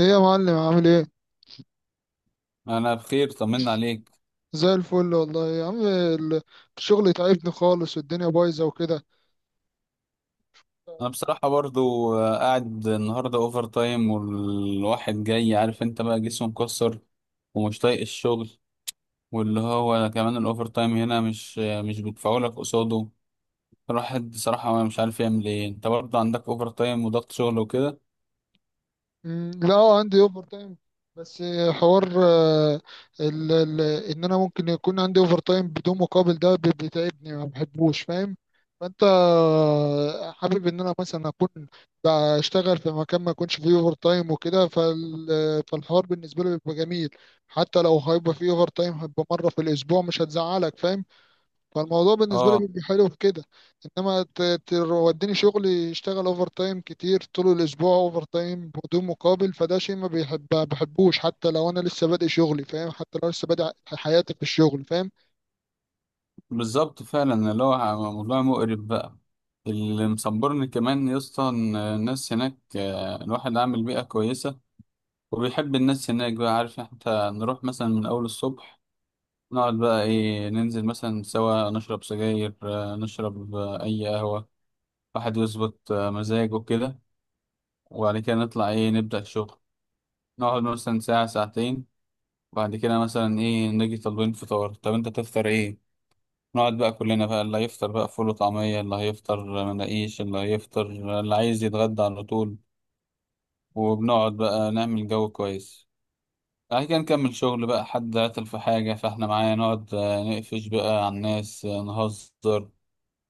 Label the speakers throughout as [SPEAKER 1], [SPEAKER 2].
[SPEAKER 1] ايه يا معلم، عامل ايه؟
[SPEAKER 2] انا بخير، طمنا عليك.
[SPEAKER 1] زي الفل والله يا عم. الشغل تعبني خالص، والدنيا بايظه وكده.
[SPEAKER 2] انا بصراحه برضو قاعد النهارده اوفر تايم، والواحد جاي عارف انت بقى جسمه مكسر ومش طايق الشغل. واللي هو كمان الاوفر تايم هنا مش بيدفعوا لك قصاده. الواحد بصراحه مش عارف يعمل ايه. انت برضو عندك اوفر تايم وضغط شغل وكده؟
[SPEAKER 1] لا، عندي اوفر تايم، بس حوار، ال ال ان انا ممكن يكون عندي اوفر تايم بدون مقابل. ده بيتعبني، ما بحبوش، فاهم؟ فانت، حابب ان انا مثلا اكون بشتغل في مكان ما يكونش فيه اوفر تايم وكده، فالحوار بالنسبه لي بيبقى جميل. حتى لو هيبقى فيه اوفر تايم، هيبقى مره في الاسبوع، مش هتزعلك، فاهم؟ فالموضوع بالنسبة لي
[SPEAKER 2] اه
[SPEAKER 1] بيبقى حلو في كده. انما توديني شغل يشتغل اوفر تايم كتير طول الاسبوع، اوفر تايم بدون مقابل، فده شيء ما بيحب بحبوش، حتى لو انا لسه بادئ شغلي، فاهم؟ حتى لو لسه بادئ حياتي في الشغل، فاهم؟
[SPEAKER 2] بالظبط، فعلا اللي هو موضوع مقرف بقى. اللي مصبرني كمان يا اسطى إن الناس هناك الواحد عامل بيئه كويسه وبيحب الناس هناك بقى، عارف؟ حتى نروح مثلا من أول الصبح، نقعد بقى إيه، ننزل مثلا سوا نشرب سجاير، نشرب أي قهوة، واحد يظبط مزاجه كده، وبعد كده نطلع إيه، نبدأ الشغل. نقعد مثلا ساعة ساعتين وبعد كده مثلا إيه نيجي طالبين فطار. طب أنت تفطر إيه؟ نقعد بقى كلنا، بقى اللي هيفطر بقى فول وطعمية، اللي هيفطر مناقيش، اللي هيفطر اللي عايز يتغدى على طول. وبنقعد بقى نعمل جو كويس. بعد كده نكمل شغل بقى. حد عطل في حاجة فاحنا معايا، نقعد نقفش بقى على الناس، نهزر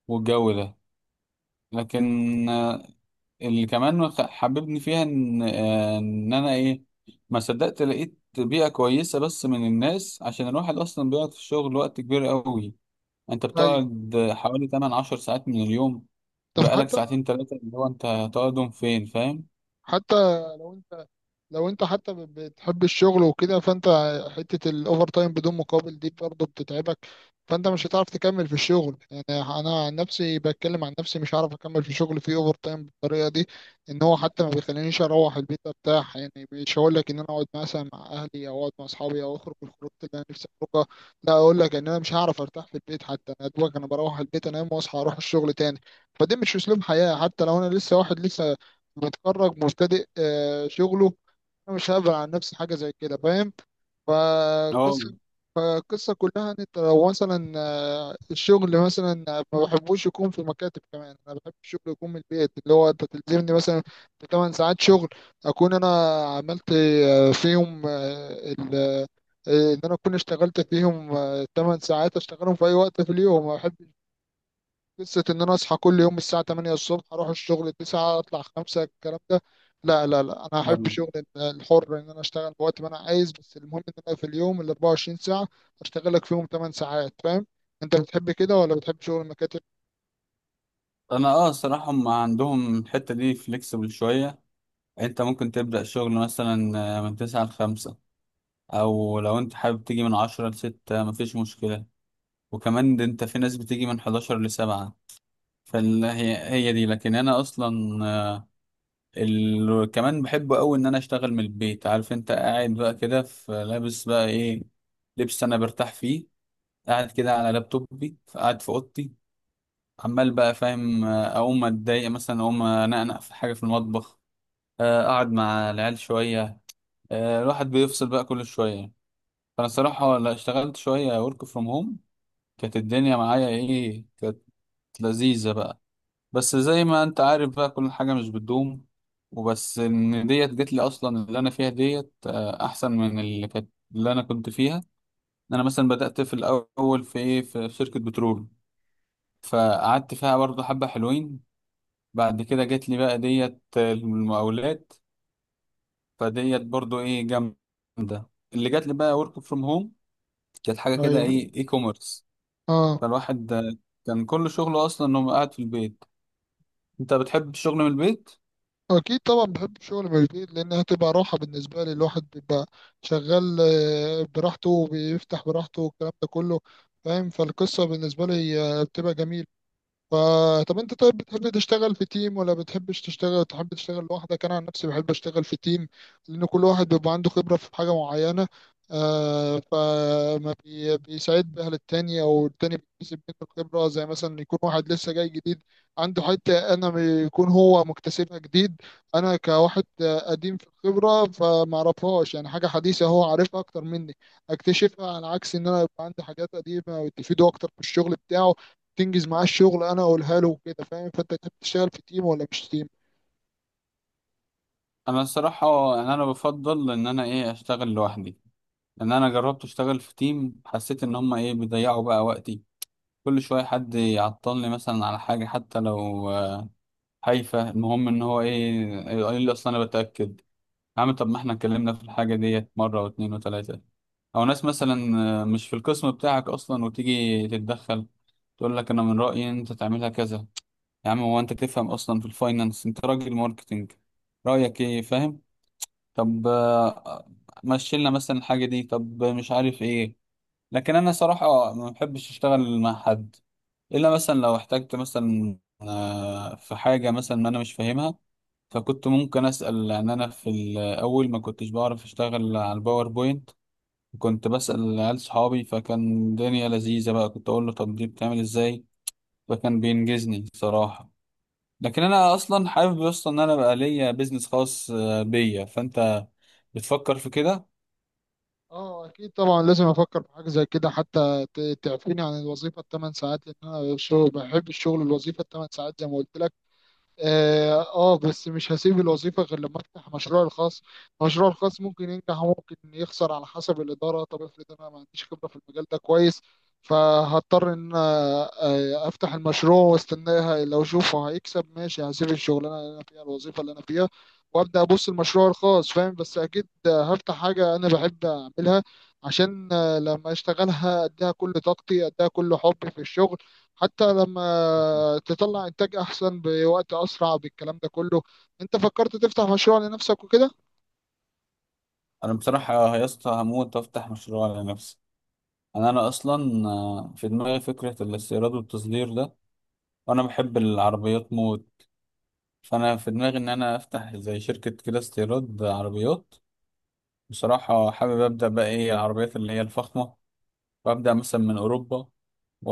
[SPEAKER 2] والجو ده. لكن اللي كمان حببني فيها ان انا ايه، ما صدقت لقيت بيئة كويسة بس من الناس، عشان الواحد اصلا بيقعد في الشغل وقت كبير قوي. انت
[SPEAKER 1] ايوه.
[SPEAKER 2] بتقعد حوالي 8 10 ساعات من اليوم.
[SPEAKER 1] طب
[SPEAKER 2] بقالك
[SPEAKER 1] حتى،
[SPEAKER 2] ساعتين ثلاثة اللي هو انت هتقعدهم فين، فاهم؟
[SPEAKER 1] حتى لو انت لو انت بتحب الشغل وكده، فانت حتة الاوفر تايم بدون مقابل دي برضه بتتعبك. فانت مش هتعرف تكمل في الشغل، يعني انا عن نفسي بتكلم عن نفسي، مش هعرف اكمل في شغل فيه اوفر تايم بالطريقة دي. ان هو حتى ما بيخلينيش اروح البيت ارتاح، يعني مش هقول لك ان انا اقعد مثلا مع اهلي او اقعد مع اصحابي او اخرج الخروج اللي انا نفسي اخرجها، لا، اقول لك ان انا مش هعرف ارتاح في البيت، حتى انا دوبك انا بروح البيت انام واصحى اروح الشغل تاني. فده مش اسلوب حياة، حتى لو انا لسه واحد لسه متخرج مبتدئ شغله. انا مش هبعد عن نفسي حاجه زي كده، فاهم؟
[SPEAKER 2] اه.
[SPEAKER 1] فالقصه القصه كلها ان انت لو مثلا، الشغل مثلا، ما بحبوش يكون في مكاتب. كمان انا بحب الشغل يكون من البيت، اللي هو انت تلزمني مثلا في 8 ساعات شغل، اكون انا عملت، فيهم، ان انا اكون اشتغلت فيهم 8 ساعات، اشتغلهم في اي وقت في اليوم. ما بحبش قصة إن أنا أصحى كل يوم الساعة 8 الصبح، أروح الشغل 9، أطلع 5، الكلام ده. لا لا لا، أنا هحب شغل الحر، إن أنا أشتغل في وقت ما أنا عايز، بس المهم إن أنا في اليوم ال 24 ساعة أشتغل لك فيهم 8 ساعات، فاهم؟ أنت بتحب كده ولا بتحب شغل المكاتب؟
[SPEAKER 2] انا اه الصراحة هم عندهم الحتة دي فليكسبل شوية. انت ممكن تبدأ شغل مثلا من تسعة لخمسة، او لو انت حابب تيجي من عشرة لستة مفيش مشكلة. وكمان ده انت في ناس بتيجي من حداشر لسبعة. فهي هي دي. لكن انا اصلا كمان بحب اوي ان انا اشتغل من البيت. عارف انت قاعد بقى كده في، لابس بقى ايه، لبس انا برتاح فيه، قاعد كده على لابتوبي، قاعد في اوضتي، عمال بقى فاهم، اقوم اتضايق مثلا، اقوم انقنق في حاجة في المطبخ، اقعد مع العيال شوية، الواحد بيفصل بقى كل شوية. فأنا الصراحة لا، اشتغلت شوية ورك فروم هوم، كانت الدنيا معايا إيه، كانت لذيذة بقى. بس زي ما أنت عارف بقى كل حاجة مش بتدوم. وبس إن ديت جت لي أصلا، اللي أنا فيها ديت أحسن من اللي كانت، اللي أنا كنت فيها. أنا مثلا بدأت في الأول في إيه، في شركة بترول، فقعدت فيها برضه حبة حلوين. بعد كده جت لي بقى ديت المقاولات. فديت برضه إيه جامدة اللي جات لي بقى، ورك فروم هوم. كانت حاجة كده
[SPEAKER 1] ايوه،
[SPEAKER 2] ايه، اي كوميرس.
[SPEAKER 1] اه،
[SPEAKER 2] فالواحد كان كل شغله اصلا انه قاعد في البيت. انت بتحب الشغل من البيت؟
[SPEAKER 1] اكيد طبعا بحب الشغل من البيت، لانها تبقى راحه بالنسبه لي. الواحد بيبقى شغال، براحته وبيفتح براحته والكلام ده كله، فاهم؟ فالقصه بالنسبه لي، بتبقى جميله. طب انت، طيب بتحب تشتغل في تيم ولا بتحبش تشتغل؟ تحب تشتغل لوحدك؟ انا عن نفسي بحب اشتغل في تيم، لان كل واحد بيبقى عنده خبرة في حاجة معينة. فما بيساعد بها للتاني، او التاني بيكتسب منه الخبرة، زي مثلا يكون واحد لسه جاي جديد، عنده حتة انا يكون هو مكتسبها جديد. انا كواحد قديم في الخبرة فما اعرفهاش، يعني حاجة حديثة هو عارفها اكتر مني، اكتشفها، على عكس ان انا يبقى عندي حاجات قديمة ويستفيدوا اكتر في الشغل بتاعه، تنجز معاه الشغل، انا اقولها له وكده، فاهم؟ فانت كنت بتشتغل في تيم ولا مش تيم؟
[SPEAKER 2] انا الصراحة يعني انا بفضل ان انا ايه، اشتغل لوحدي، لان انا جربت اشتغل في تيم، حسيت ان هما ايه، بيضيعوا بقى وقتي. كل شوية حد يعطلني مثلا على حاجة حتى لو هايفة. المهم ان هو ايه، يقول لي اصلا انا بتأكد. يا عم طب ما احنا اتكلمنا في الحاجة ديت مرة واتنين وتلاتة. أو ناس مثلا مش في القسم بتاعك أصلا وتيجي تتدخل، تقول لك أنا من رأيي إن أنت تعملها كذا. يا عم هو أنت تفهم أصلا في الفاينانس؟ أنت راجل ماركتينج، رأيك إيه، فاهم؟ طب مشيلنا مثلا الحاجة دي، طب مش عارف إيه. لكن أنا صراحة ما بحبش أشتغل مع حد، إلا مثلا لو احتجت مثلا في حاجة مثلا أنا مش فاهمها، فكنت ممكن أسأل. لأن أنا في الأول ما كنتش بعرف أشتغل على الباوربوينت، كنت بسأل عيال صحابي، فكان الدنيا لذيذة بقى، كنت أقول له طب دي بتعمل إزاي، فكان بينجزني صراحة. لكن أنا أصلا حابب أصلا إن أنا بقى ليا بيزنس خاص بيا. فأنت بتفكر في كده؟
[SPEAKER 1] اه، اكيد طبعا لازم افكر في حاجه زي كده، حتى تعفيني عن الوظيفه الثمان ساعات، لان انا بحب الشغل، الوظيفه الثمان ساعات زي ما قلت لك. اه، بس مش هسيب الوظيفة غير لما افتح مشروعي الخاص. مشروعي الخاص ممكن ينجح وممكن يخسر على حسب الإدارة. طب افرض انا ما عنديش خبرة في المجال ده كويس، فهضطر ان أنا، افتح المشروع واستناها، لو اشوفه هيكسب ماشي، هسيب الشغلانة اللي انا فيها، الوظيفة اللي انا فيها، وابدا ابص المشروع الخاص، فاهم؟ بس اكيد هفتح حاجة انا بحب اعملها، عشان لما اشتغلها اديها كل طاقتي، اديها كل حبي في الشغل، حتى لما تطلع انتاج احسن بوقت اسرع بالكلام ده كله. انت فكرت تفتح مشروع لنفسك وكده؟
[SPEAKER 2] أنا بصراحة يا اسطى هموت وأفتح مشروع لنفسي. أنا أصلا في دماغي فكرة الاستيراد والتصدير ده، وأنا بحب العربيات موت. فانا في دماغي ان انا افتح زي شركه كده، استيراد عربيات. بصراحه حابب ابدا بقى ايه، العربيات اللي هي الفخمه، وابدا مثلا من اوروبا، و-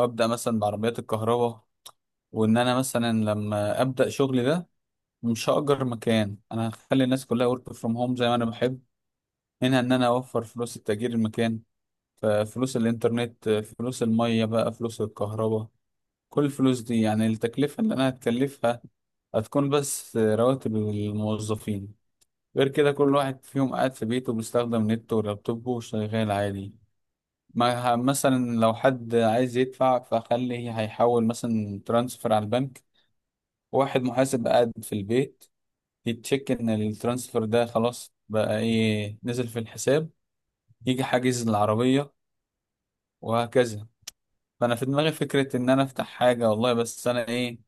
[SPEAKER 2] وابدا مثلا بعربيات الكهرباء. وان انا مثلا لما ابدا شغلي ده، مش هاجر مكان، انا هخلي الناس كلها ورك فروم هوم زي ما انا بحب، منها ان انا اوفر فلوس التأجير المكان، فلوس الانترنت، فلوس الميه بقى، فلوس الكهرباء. كل الفلوس دي يعني التكلفه اللي انا هتكلفها هتكون بس رواتب الموظفين. غير كده كل واحد فيهم قاعد في بيته، بيستخدم نت ولابتوبه، وشغال عادي. ما ه- مثلا لو حد عايز يدفع فخليه هيحول مثلا ترانسفر على البنك، واحد محاسب قاعد في البيت يتشيك ان الترانسفر ده خلاص بقى ايه، نزل في الحساب، يجي حاجز العربية، وهكذا. فانا في دماغي فكرة ان انا افتح حاجة والله، بس انا ايه،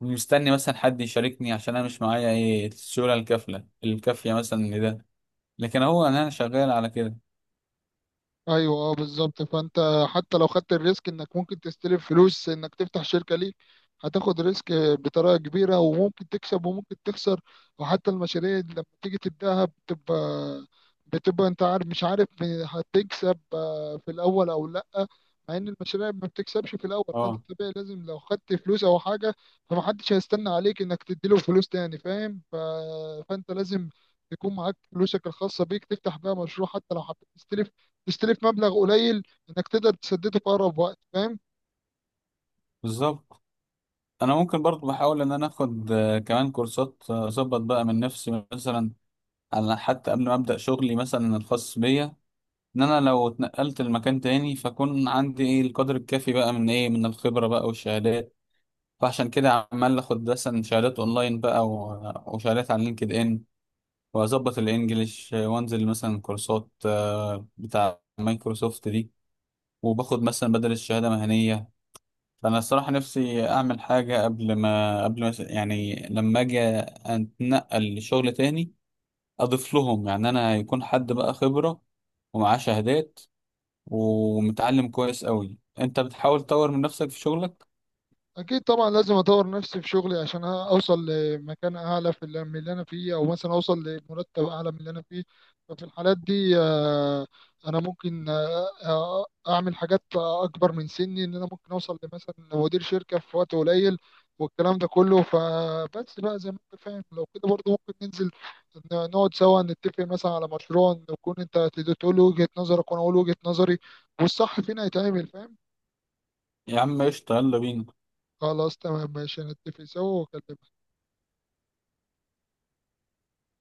[SPEAKER 2] مستني مثلا حد يشاركني، عشان انا مش معايا ايه، السيولة الكافلة الكافية مثلا لده. لكن هو أنا شغال على كده.
[SPEAKER 1] ايوه، اه، بالظبط. فانت حتى لو خدت الريسك انك ممكن تستلف فلوس انك تفتح شركه ليك، هتاخد ريسك بطريقه كبيره، وممكن تكسب وممكن تخسر. وحتى المشاريع اللي لما تيجي تبداها، بتبقى انت عارف مش عارف هتكسب في الاول او لا. مع ان المشاريع ما بتكسبش في الاول، فانت
[SPEAKER 2] اه
[SPEAKER 1] طبيعي لازم لو خدت فلوس او حاجه، فمحدش هيستنى عليك انك تديله فلوس تاني، فاهم؟ فانت لازم يكون معاك فلوسك الخاصة بيك تفتح بيها مشروع. حتى لو حبيت تستلف، تستلف مبلغ قليل انك تقدر تسدده في اقرب وقت، فاهم؟
[SPEAKER 2] بالظبط. انا ممكن برضو بحاول ان انا اخد كمان كورسات، اظبط بقى من نفسي مثلا، على حتى قبل ما ابدا شغلي مثلا الخاص بيا، ان انا لو اتنقلت لمكان تاني فاكون عندي ايه، القدر الكافي بقى من ايه، من الخبره بقى والشهادات. فعشان كده عمال اخد مثلا شهادات اونلاين بقى وشهادات على لينكد ان، واظبط الانجليش، وانزل مثلا كورسات بتاع مايكروسوفت دي، وباخد مثلا بدل الشهاده مهنيه. فانا الصراحه نفسي اعمل حاجه قبل ما يعني لما اجي اتنقل لشغل تاني، اضيف لهم يعني انا، يكون حد بقى خبره ومعاه شهادات ومتعلم كويس قوي. انت بتحاول تطور من نفسك في شغلك؟
[SPEAKER 1] اكيد طبعا لازم اطور نفسي في شغلي عشان اوصل لمكان اعلى من اللي انا فيه، او مثلا اوصل لمرتب اعلى من اللي انا فيه. ففي الحالات دي، انا ممكن، اعمل حاجات اكبر من سني، ان انا ممكن اوصل لمثلا مدير شركة في وقت قليل والكلام ده كله. فبس بقى زي ما انت فاهم، لو كده برضه ممكن ننزل، نقعد سوا نتفق مثلا على مشروع، نكون انت تقول لي وجهة نظرك وانا اقول وجهة نظري، والصح فينا يتعمل، فاهم؟
[SPEAKER 2] يا عم قشطه، يلا بينا.
[SPEAKER 1] خلاص، تمام ماشي، نتفق سوا واكلمك.